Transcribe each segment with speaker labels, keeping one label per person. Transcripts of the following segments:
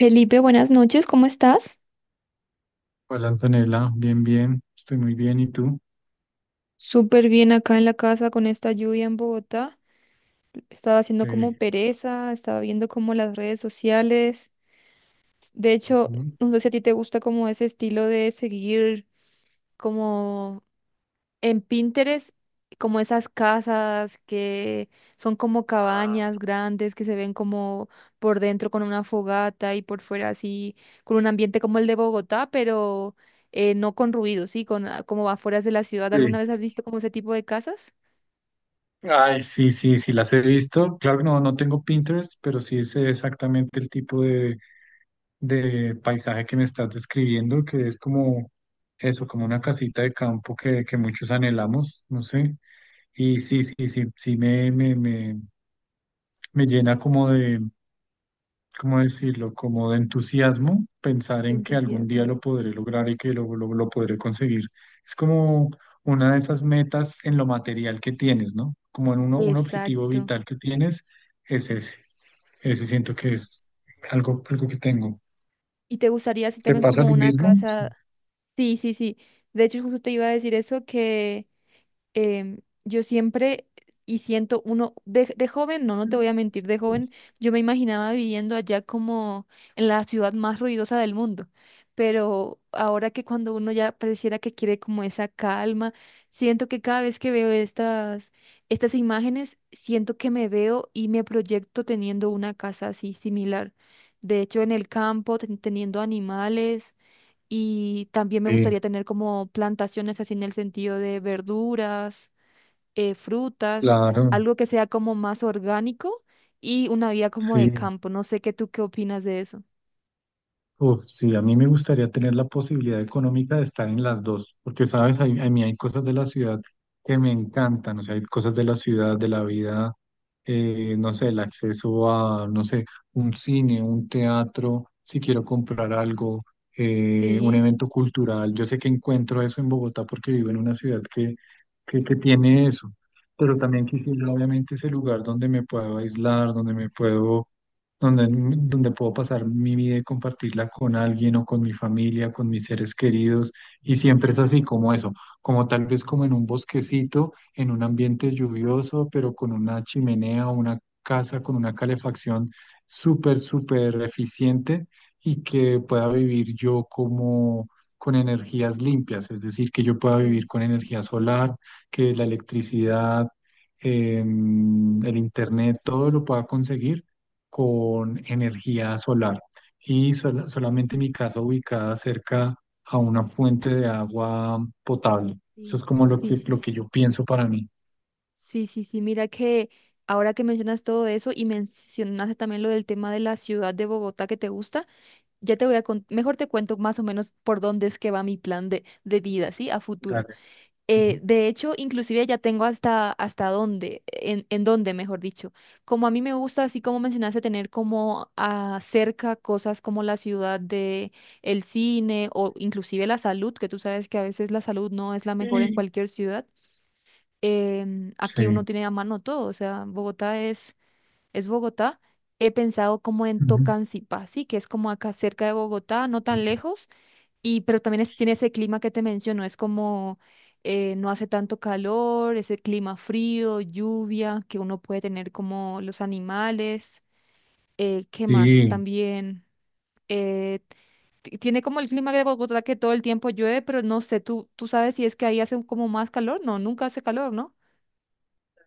Speaker 1: Felipe, buenas noches, ¿cómo estás?
Speaker 2: Hola Antonella, bien, bien, estoy muy bien, ¿y tú?
Speaker 1: Súper bien acá en la casa con esta lluvia en Bogotá. Estaba haciendo como
Speaker 2: Sí.
Speaker 1: pereza, estaba viendo como las redes sociales. De hecho,
Speaker 2: Ujú.
Speaker 1: no sé si a ti te gusta como ese estilo de seguir como en Pinterest, como esas casas que son como
Speaker 2: Ah,
Speaker 1: cabañas grandes que se ven como por dentro con una fogata y por fuera así, con un ambiente como el de Bogotá, pero no con ruido, sí, con como afueras de la ciudad. ¿Alguna
Speaker 2: sí.
Speaker 1: vez has visto como ese tipo de casas?
Speaker 2: Ay, sí, sí, sí, las he visto. Claro que no, no tengo Pinterest, pero sí sé exactamente el tipo de paisaje que me estás describiendo, que es como eso, como una casita de campo que muchos anhelamos, no sé. Y sí, sí, sí, sí, me llena como de ¿cómo decirlo? Como de entusiasmo, pensar en que algún día
Speaker 1: Entusiasmo.
Speaker 2: lo podré lograr y que lo podré conseguir. Es como una de esas metas en lo material que tienes, ¿no? Como en uno, un objetivo
Speaker 1: Exacto,
Speaker 2: vital que tienes, es ese. Ese siento que
Speaker 1: sí.
Speaker 2: es algo, algo que tengo.
Speaker 1: ¿Y te gustaría así
Speaker 2: ¿Te
Speaker 1: también
Speaker 2: pasa
Speaker 1: como
Speaker 2: lo
Speaker 1: una
Speaker 2: mismo?
Speaker 1: casa? Sí, sí, sí. De hecho, justo te iba a decir eso que yo siempre y siento uno, de joven, no, no te voy a mentir, de joven yo me imaginaba viviendo allá como en la ciudad más ruidosa del mundo, pero ahora que cuando uno ya pareciera que quiere como esa calma, siento que cada vez que veo estas imágenes, siento que me veo y me proyecto teniendo una casa así similar. De hecho, en el campo, teniendo animales. Y también me
Speaker 2: Sí,
Speaker 1: gustaría tener como plantaciones así en el sentido de verduras frutas,
Speaker 2: claro,
Speaker 1: algo que sea como más orgánico y una vida como de
Speaker 2: sí.
Speaker 1: campo. No sé qué tú qué opinas de eso.
Speaker 2: Uf, sí, a mí me gustaría tener la posibilidad económica de estar en las dos, porque sabes, hay- a mí hay cosas de la ciudad que me encantan, o sea, hay cosas de la ciudad, de la vida, no sé, el acceso a, no sé, un cine, un teatro, si quiero comprar algo, un
Speaker 1: Sí,
Speaker 2: evento cultural. Yo sé que encuentro eso en Bogotá porque vivo en una ciudad que tiene eso, pero también quisiera, obviamente, ese lugar donde me puedo aislar, donde me puedo donde puedo pasar mi vida y compartirla con alguien o con mi familia, con mis seres queridos, y siempre es así como eso, como tal vez como en un bosquecito, en un ambiente lluvioso, pero con una chimenea o una casa con una calefacción súper, súper eficiente y que pueda vivir yo como... con energías limpias, es decir, que yo pueda vivir
Speaker 1: sí,
Speaker 2: con energía solar, que la electricidad, el internet, todo lo pueda conseguir con energía solar y sol- solamente mi casa ubicada cerca a una fuente de agua potable. Eso
Speaker 1: sí,
Speaker 2: es como
Speaker 1: sí, sí,
Speaker 2: lo
Speaker 1: sí,
Speaker 2: que yo pienso para mí.
Speaker 1: sí, sí, sí, mira que ahora que mencionas todo eso y mencionaste también lo del tema de la ciudad de Bogotá que te gusta, ya te voy a contar, mejor te cuento más o menos por dónde es que va mi plan de vida, ¿sí? A futuro.
Speaker 2: Dale. Ujú.
Speaker 1: De hecho, inclusive ya tengo hasta, hasta dónde, en dónde, mejor dicho. Como a mí me gusta, así como mencionaste, tener como cerca cosas como la ciudad de el cine o inclusive la salud, que tú sabes que a veces la salud no es la mejor en
Speaker 2: Mm.
Speaker 1: cualquier ciudad. Aquí uno
Speaker 2: Sí.
Speaker 1: tiene a mano todo, o sea, es Bogotá. He pensado como en
Speaker 2: Ujú.
Speaker 1: Tocancipá, sí, que es como acá cerca de Bogotá, no tan lejos y, pero también tiene ese clima que te menciono, es como no hace tanto calor, ese clima frío, lluvia que uno puede tener como los animales. ¿Qué más?
Speaker 2: Sí.
Speaker 1: También eh, tiene como el clima de Bogotá que todo el tiempo llueve, pero no sé, tú sabes si es que ahí hace como más calor. No, nunca hace calor, ¿no?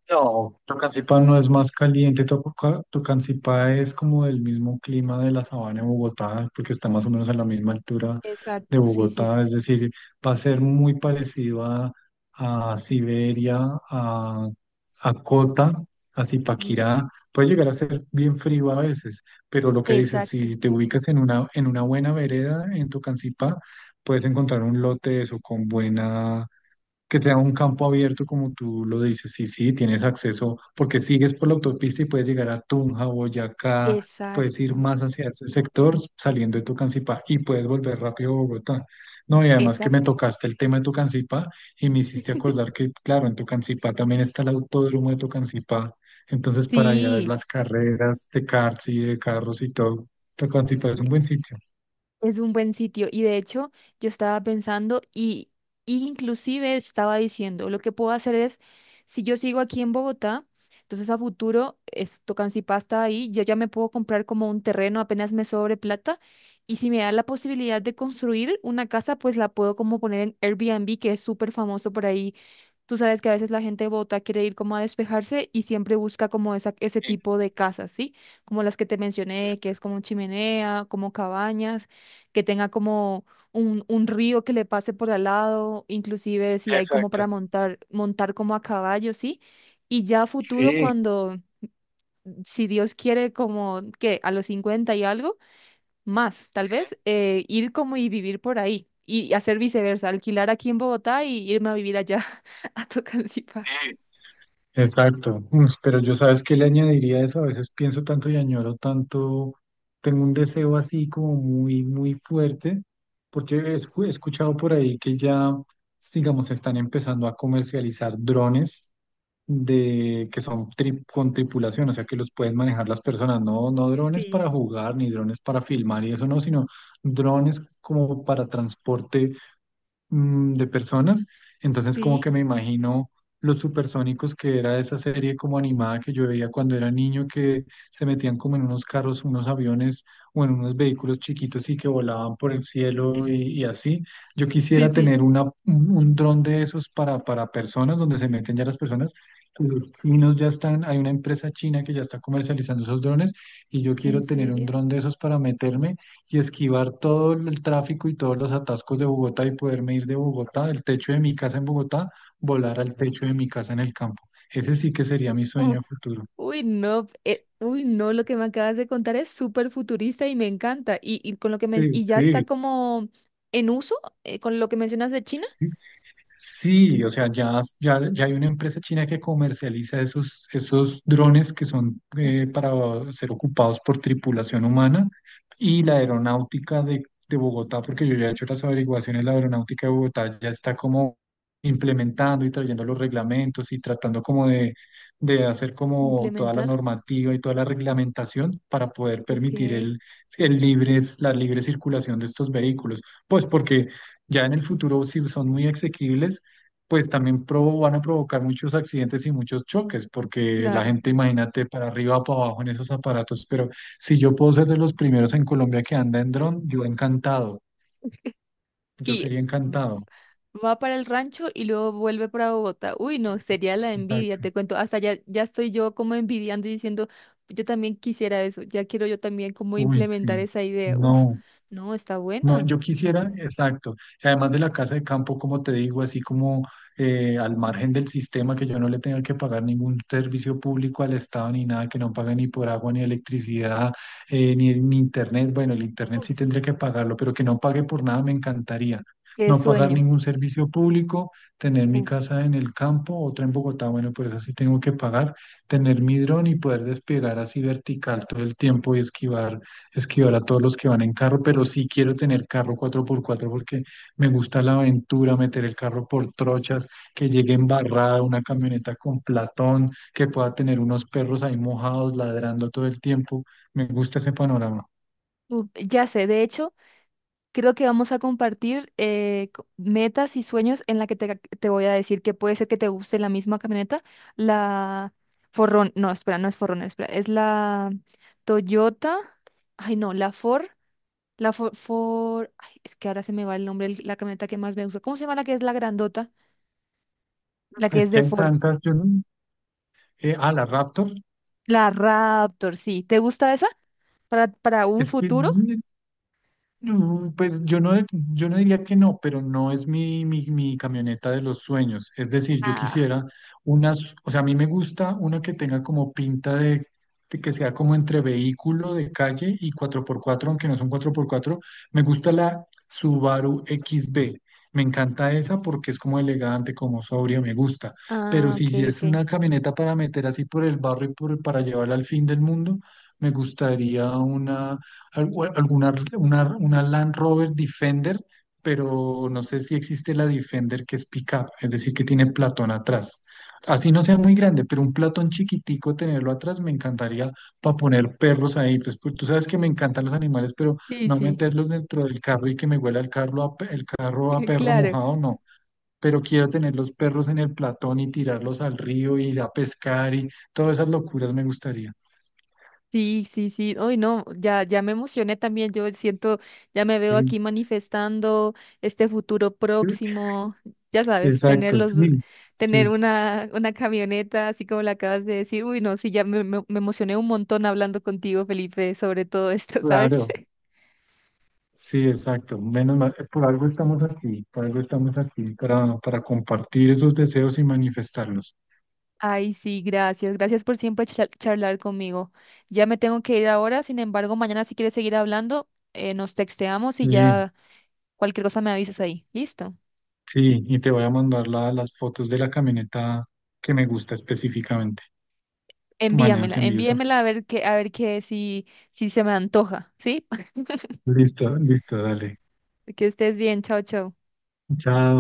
Speaker 2: No, Tocancipá no es más caliente, Toca- Tocancipá es como del mismo clima de la sabana de Bogotá, porque está más o menos a la misma altura de
Speaker 1: Exacto, sí, sí, sí.
Speaker 2: Bogotá, es decir, va a ser muy parecido a Siberia, a, a Cota, a
Speaker 1: Sí.
Speaker 2: Zipaquirá, puede llegar a ser bien frío a veces, pero lo que dices,
Speaker 1: Exacto,
Speaker 2: si te ubicas en una buena vereda en Tocancipá, puedes encontrar un lote de eso con buena que sea un campo abierto, como tú lo dices, sí, sí, tienes acceso, porque sigues por la autopista y puedes llegar a Tunja, Boyacá, puedes ir
Speaker 1: exacto,
Speaker 2: más hacia ese sector saliendo de Tocancipá y puedes volver rápido a Bogotá. No, y además que me
Speaker 1: exacto.
Speaker 2: tocaste el tema de Tocancipá y me hiciste acordar que, claro, en Tocancipá también está el autódromo de Tocancipá, entonces para ir a ver
Speaker 1: Sí.
Speaker 2: las carreras de karts y de carros y todo, Tocancipá es un buen sitio.
Speaker 1: Es un buen sitio y de hecho yo estaba y inclusive estaba diciendo, lo que puedo hacer es, si yo sigo aquí en Bogotá, entonces a futuro es Tocancipasta ahí, yo ya me puedo comprar como un terreno apenas me sobre plata y si me da la posibilidad de construir una casa, pues la puedo como poner en Airbnb, que es súper famoso por ahí. Tú sabes que a veces la gente de Bogotá quiere ir como a despejarse y siempre busca como esa, ese
Speaker 2: Sí,
Speaker 1: tipo de casas, ¿sí? Como las que te mencioné, que es como chimenea, como cabañas, que tenga como un río que le pase por al lado, inclusive si hay como
Speaker 2: exacto,
Speaker 1: para montar como a caballo, ¿sí? Y ya a futuro,
Speaker 2: sí.
Speaker 1: cuando, si Dios quiere, como que a los 50 y algo, más, tal vez, ir como y vivir por ahí. Y hacer viceversa, alquilar aquí en Bogotá y irme a vivir allá a Tocancipá.
Speaker 2: Ujú. Exacto. Uf, pero yo sabes que le añadiría a eso, a veces pienso tanto y añoro tanto, tengo un deseo así como muy, muy fuerte, porque he escu- he escuchado por ahí que ya, digamos, se están empezando a comercializar drones de, que son tri- con tripulación, o sea, que los pueden manejar las personas, no, no drones
Speaker 1: Sí,
Speaker 2: para jugar, ni drones para filmar y eso no, sino drones como para transporte de personas. Entonces como que
Speaker 1: sí,
Speaker 2: me imagino Los Supersónicos, que era esa serie como animada que yo veía cuando era niño, que se metían como en unos carros, unos aviones o en unos vehículos chiquitos y que volaban por el cielo y así. Yo
Speaker 1: sí,
Speaker 2: quisiera
Speaker 1: sí.
Speaker 2: tener una, un dron de esos para personas, donde se meten ya las personas. Los chinos ya están, hay una empresa china que ya está comercializando esos drones y yo
Speaker 1: ¿En
Speaker 2: quiero tener un
Speaker 1: serio?
Speaker 2: dron de esos para meterme y esquivar todo el tráfico y todos los atascos de Bogotá y poderme ir de Bogotá, del techo de mi casa en Bogotá, volar al techo de mi casa en el campo. Ese sí que sería mi sueño
Speaker 1: Uf,
Speaker 2: a futuro.
Speaker 1: uy, no, uy, no, lo que me acabas de contar es súper futurista y me encanta. Y con lo que me,
Speaker 2: Sí,
Speaker 1: y ya está
Speaker 2: sí.
Speaker 1: como en uso, con lo que mencionas de China.
Speaker 2: Sí, o sea, ya, ya, ya hay una empresa china que comercializa esos, esos drones que son
Speaker 1: Uf.
Speaker 2: para ser ocupados por tripulación humana y la aeronáutica de Bogotá, porque yo ya he hecho las averiguaciones, la aeronáutica de Bogotá ya está como implementando y trayendo los reglamentos y tratando como de hacer como toda la
Speaker 1: Implementar.
Speaker 2: normativa y toda la reglamentación para poder
Speaker 1: Ok,
Speaker 2: permitir el libre, la libre circulación de estos vehículos. Pues porque... Ya en el futuro, si son muy asequibles, pues también provo- van a provocar muchos accidentes y muchos choques, porque la
Speaker 1: claro.
Speaker 2: gente, imagínate, para arriba o para abajo en esos aparatos, pero si yo puedo ser de los primeros en Colombia que anda en dron, yo encantado, yo
Speaker 1: Y
Speaker 2: sería
Speaker 1: va
Speaker 2: encantado.
Speaker 1: va para el rancho y luego vuelve para Bogotá. Uy, no, sería la envidia,
Speaker 2: Exacto.
Speaker 1: te cuento. Hasta ya, ya estoy yo como envidiando y diciendo, yo también quisiera eso, ya quiero yo también como
Speaker 2: Uy,
Speaker 1: implementar
Speaker 2: sí.
Speaker 1: esa idea. Uf,
Speaker 2: No.
Speaker 1: no, está
Speaker 2: No, yo
Speaker 1: buena.
Speaker 2: quisiera, exacto. Y además de la casa de campo, como te digo, así como al margen del sistema, que yo no le tenga que pagar ningún servicio público al Estado ni nada, que no pague ni por agua, ni electricidad, ni internet. Bueno, el internet sí tendría que pagarlo, pero que no pague por nada me encantaría.
Speaker 1: Qué
Speaker 2: No pagar
Speaker 1: sueño.
Speaker 2: ningún servicio público, tener mi
Speaker 1: Uf,
Speaker 2: casa en el campo, otra en Bogotá, bueno, por eso sí tengo que pagar, tener mi dron y poder despegar así vertical todo el tiempo y esquivar a todos los que van en carro, pero sí quiero tener carro cuatro por cuatro porque me gusta la aventura, meter el carro por trochas, que llegue embarrada una camioneta con platón, que pueda tener unos perros ahí mojados ladrando todo el tiempo. Me gusta ese panorama.
Speaker 1: uf, ya sé, de hecho, creo que vamos a compartir metas y sueños en la que te voy a decir que puede ser que te guste la misma camioneta, la Forrón, no, espera, no es Forrón, espera, es la Toyota, ay no, la Ford, la Ford, ay, es que ahora se me va el nombre, la camioneta que más me gusta. ¿Cómo se llama la que es la grandota? La que
Speaker 2: Es
Speaker 1: es
Speaker 2: que
Speaker 1: de
Speaker 2: hay
Speaker 1: Ford,
Speaker 2: tantas, yo no- la Raptor.
Speaker 1: la Raptor, sí. ¿Te gusta esa? Para un
Speaker 2: Es que
Speaker 1: futuro.
Speaker 2: pues yo no, yo no diría que no, pero no es mi camioneta de los sueños. Es decir, yo
Speaker 1: Ah,
Speaker 2: quisiera unas, o sea, a mí me gusta una que tenga como pinta de que sea como entre vehículo de calle y cuatro por cuatro aunque no son cuatro por cuatro. Me gusta la Subaru XB. Me encanta esa porque es como elegante, como sobria, me gusta. Pero
Speaker 1: ah, ok,
Speaker 2: si
Speaker 1: ok.
Speaker 2: es una camioneta para meter así por el barrio y por, para llevarla al fin del mundo, me gustaría una algu- alguna una Land Rover Defender, pero no sé si existe la Defender que es pickup, es decir, que tiene platón atrás. Así no sea muy grande, pero un platón chiquitico tenerlo atrás me encantaría para poner perros ahí. Pues, pues, tú sabes que me encantan los animales, pero
Speaker 1: Sí,
Speaker 2: no
Speaker 1: sí.
Speaker 2: meterlos dentro del carro y que me huela el carro a, pe- el carro a perro
Speaker 1: Claro,
Speaker 2: mojado, no, pero quiero tener los perros en el platón y tirarlos al río, ir a pescar y todas esas locuras me gustaría.
Speaker 1: sí, sí, sí. Hoy no, ya, ya me emocioné también. Yo siento, ya me veo
Speaker 2: Sí.
Speaker 1: aquí manifestando este futuro próximo. Ya sabes,
Speaker 2: Exacto, sí,
Speaker 1: tener
Speaker 2: sí.
Speaker 1: una camioneta, así como la acabas de decir. Uy, no, sí, ya me emocioné un montón hablando contigo, Felipe, sobre todo esto, ¿sabes?
Speaker 2: Claro, sí, exacto. Menos mal, por algo estamos aquí, por algo estamos aquí, para compartir esos deseos y manifestarlos.
Speaker 1: Ay, sí, gracias. Gracias por siempre charlar conmigo. Ya me tengo que ir ahora, sin embargo, mañana si quieres seguir hablando, nos texteamos y
Speaker 2: Sí,
Speaker 1: ya cualquier cosa me avisas ahí. ¿Listo?
Speaker 2: sí, y te voy a mandar la- las fotos de la camioneta que me gusta específicamente. Mañana
Speaker 1: Envíamela,
Speaker 2: te envío esa
Speaker 1: envíamela
Speaker 2: foto.
Speaker 1: a ver qué, si se me antoja, ¿sí?
Speaker 2: Listo, listo, dale.
Speaker 1: Que estés bien, chao, chao.
Speaker 2: Chao.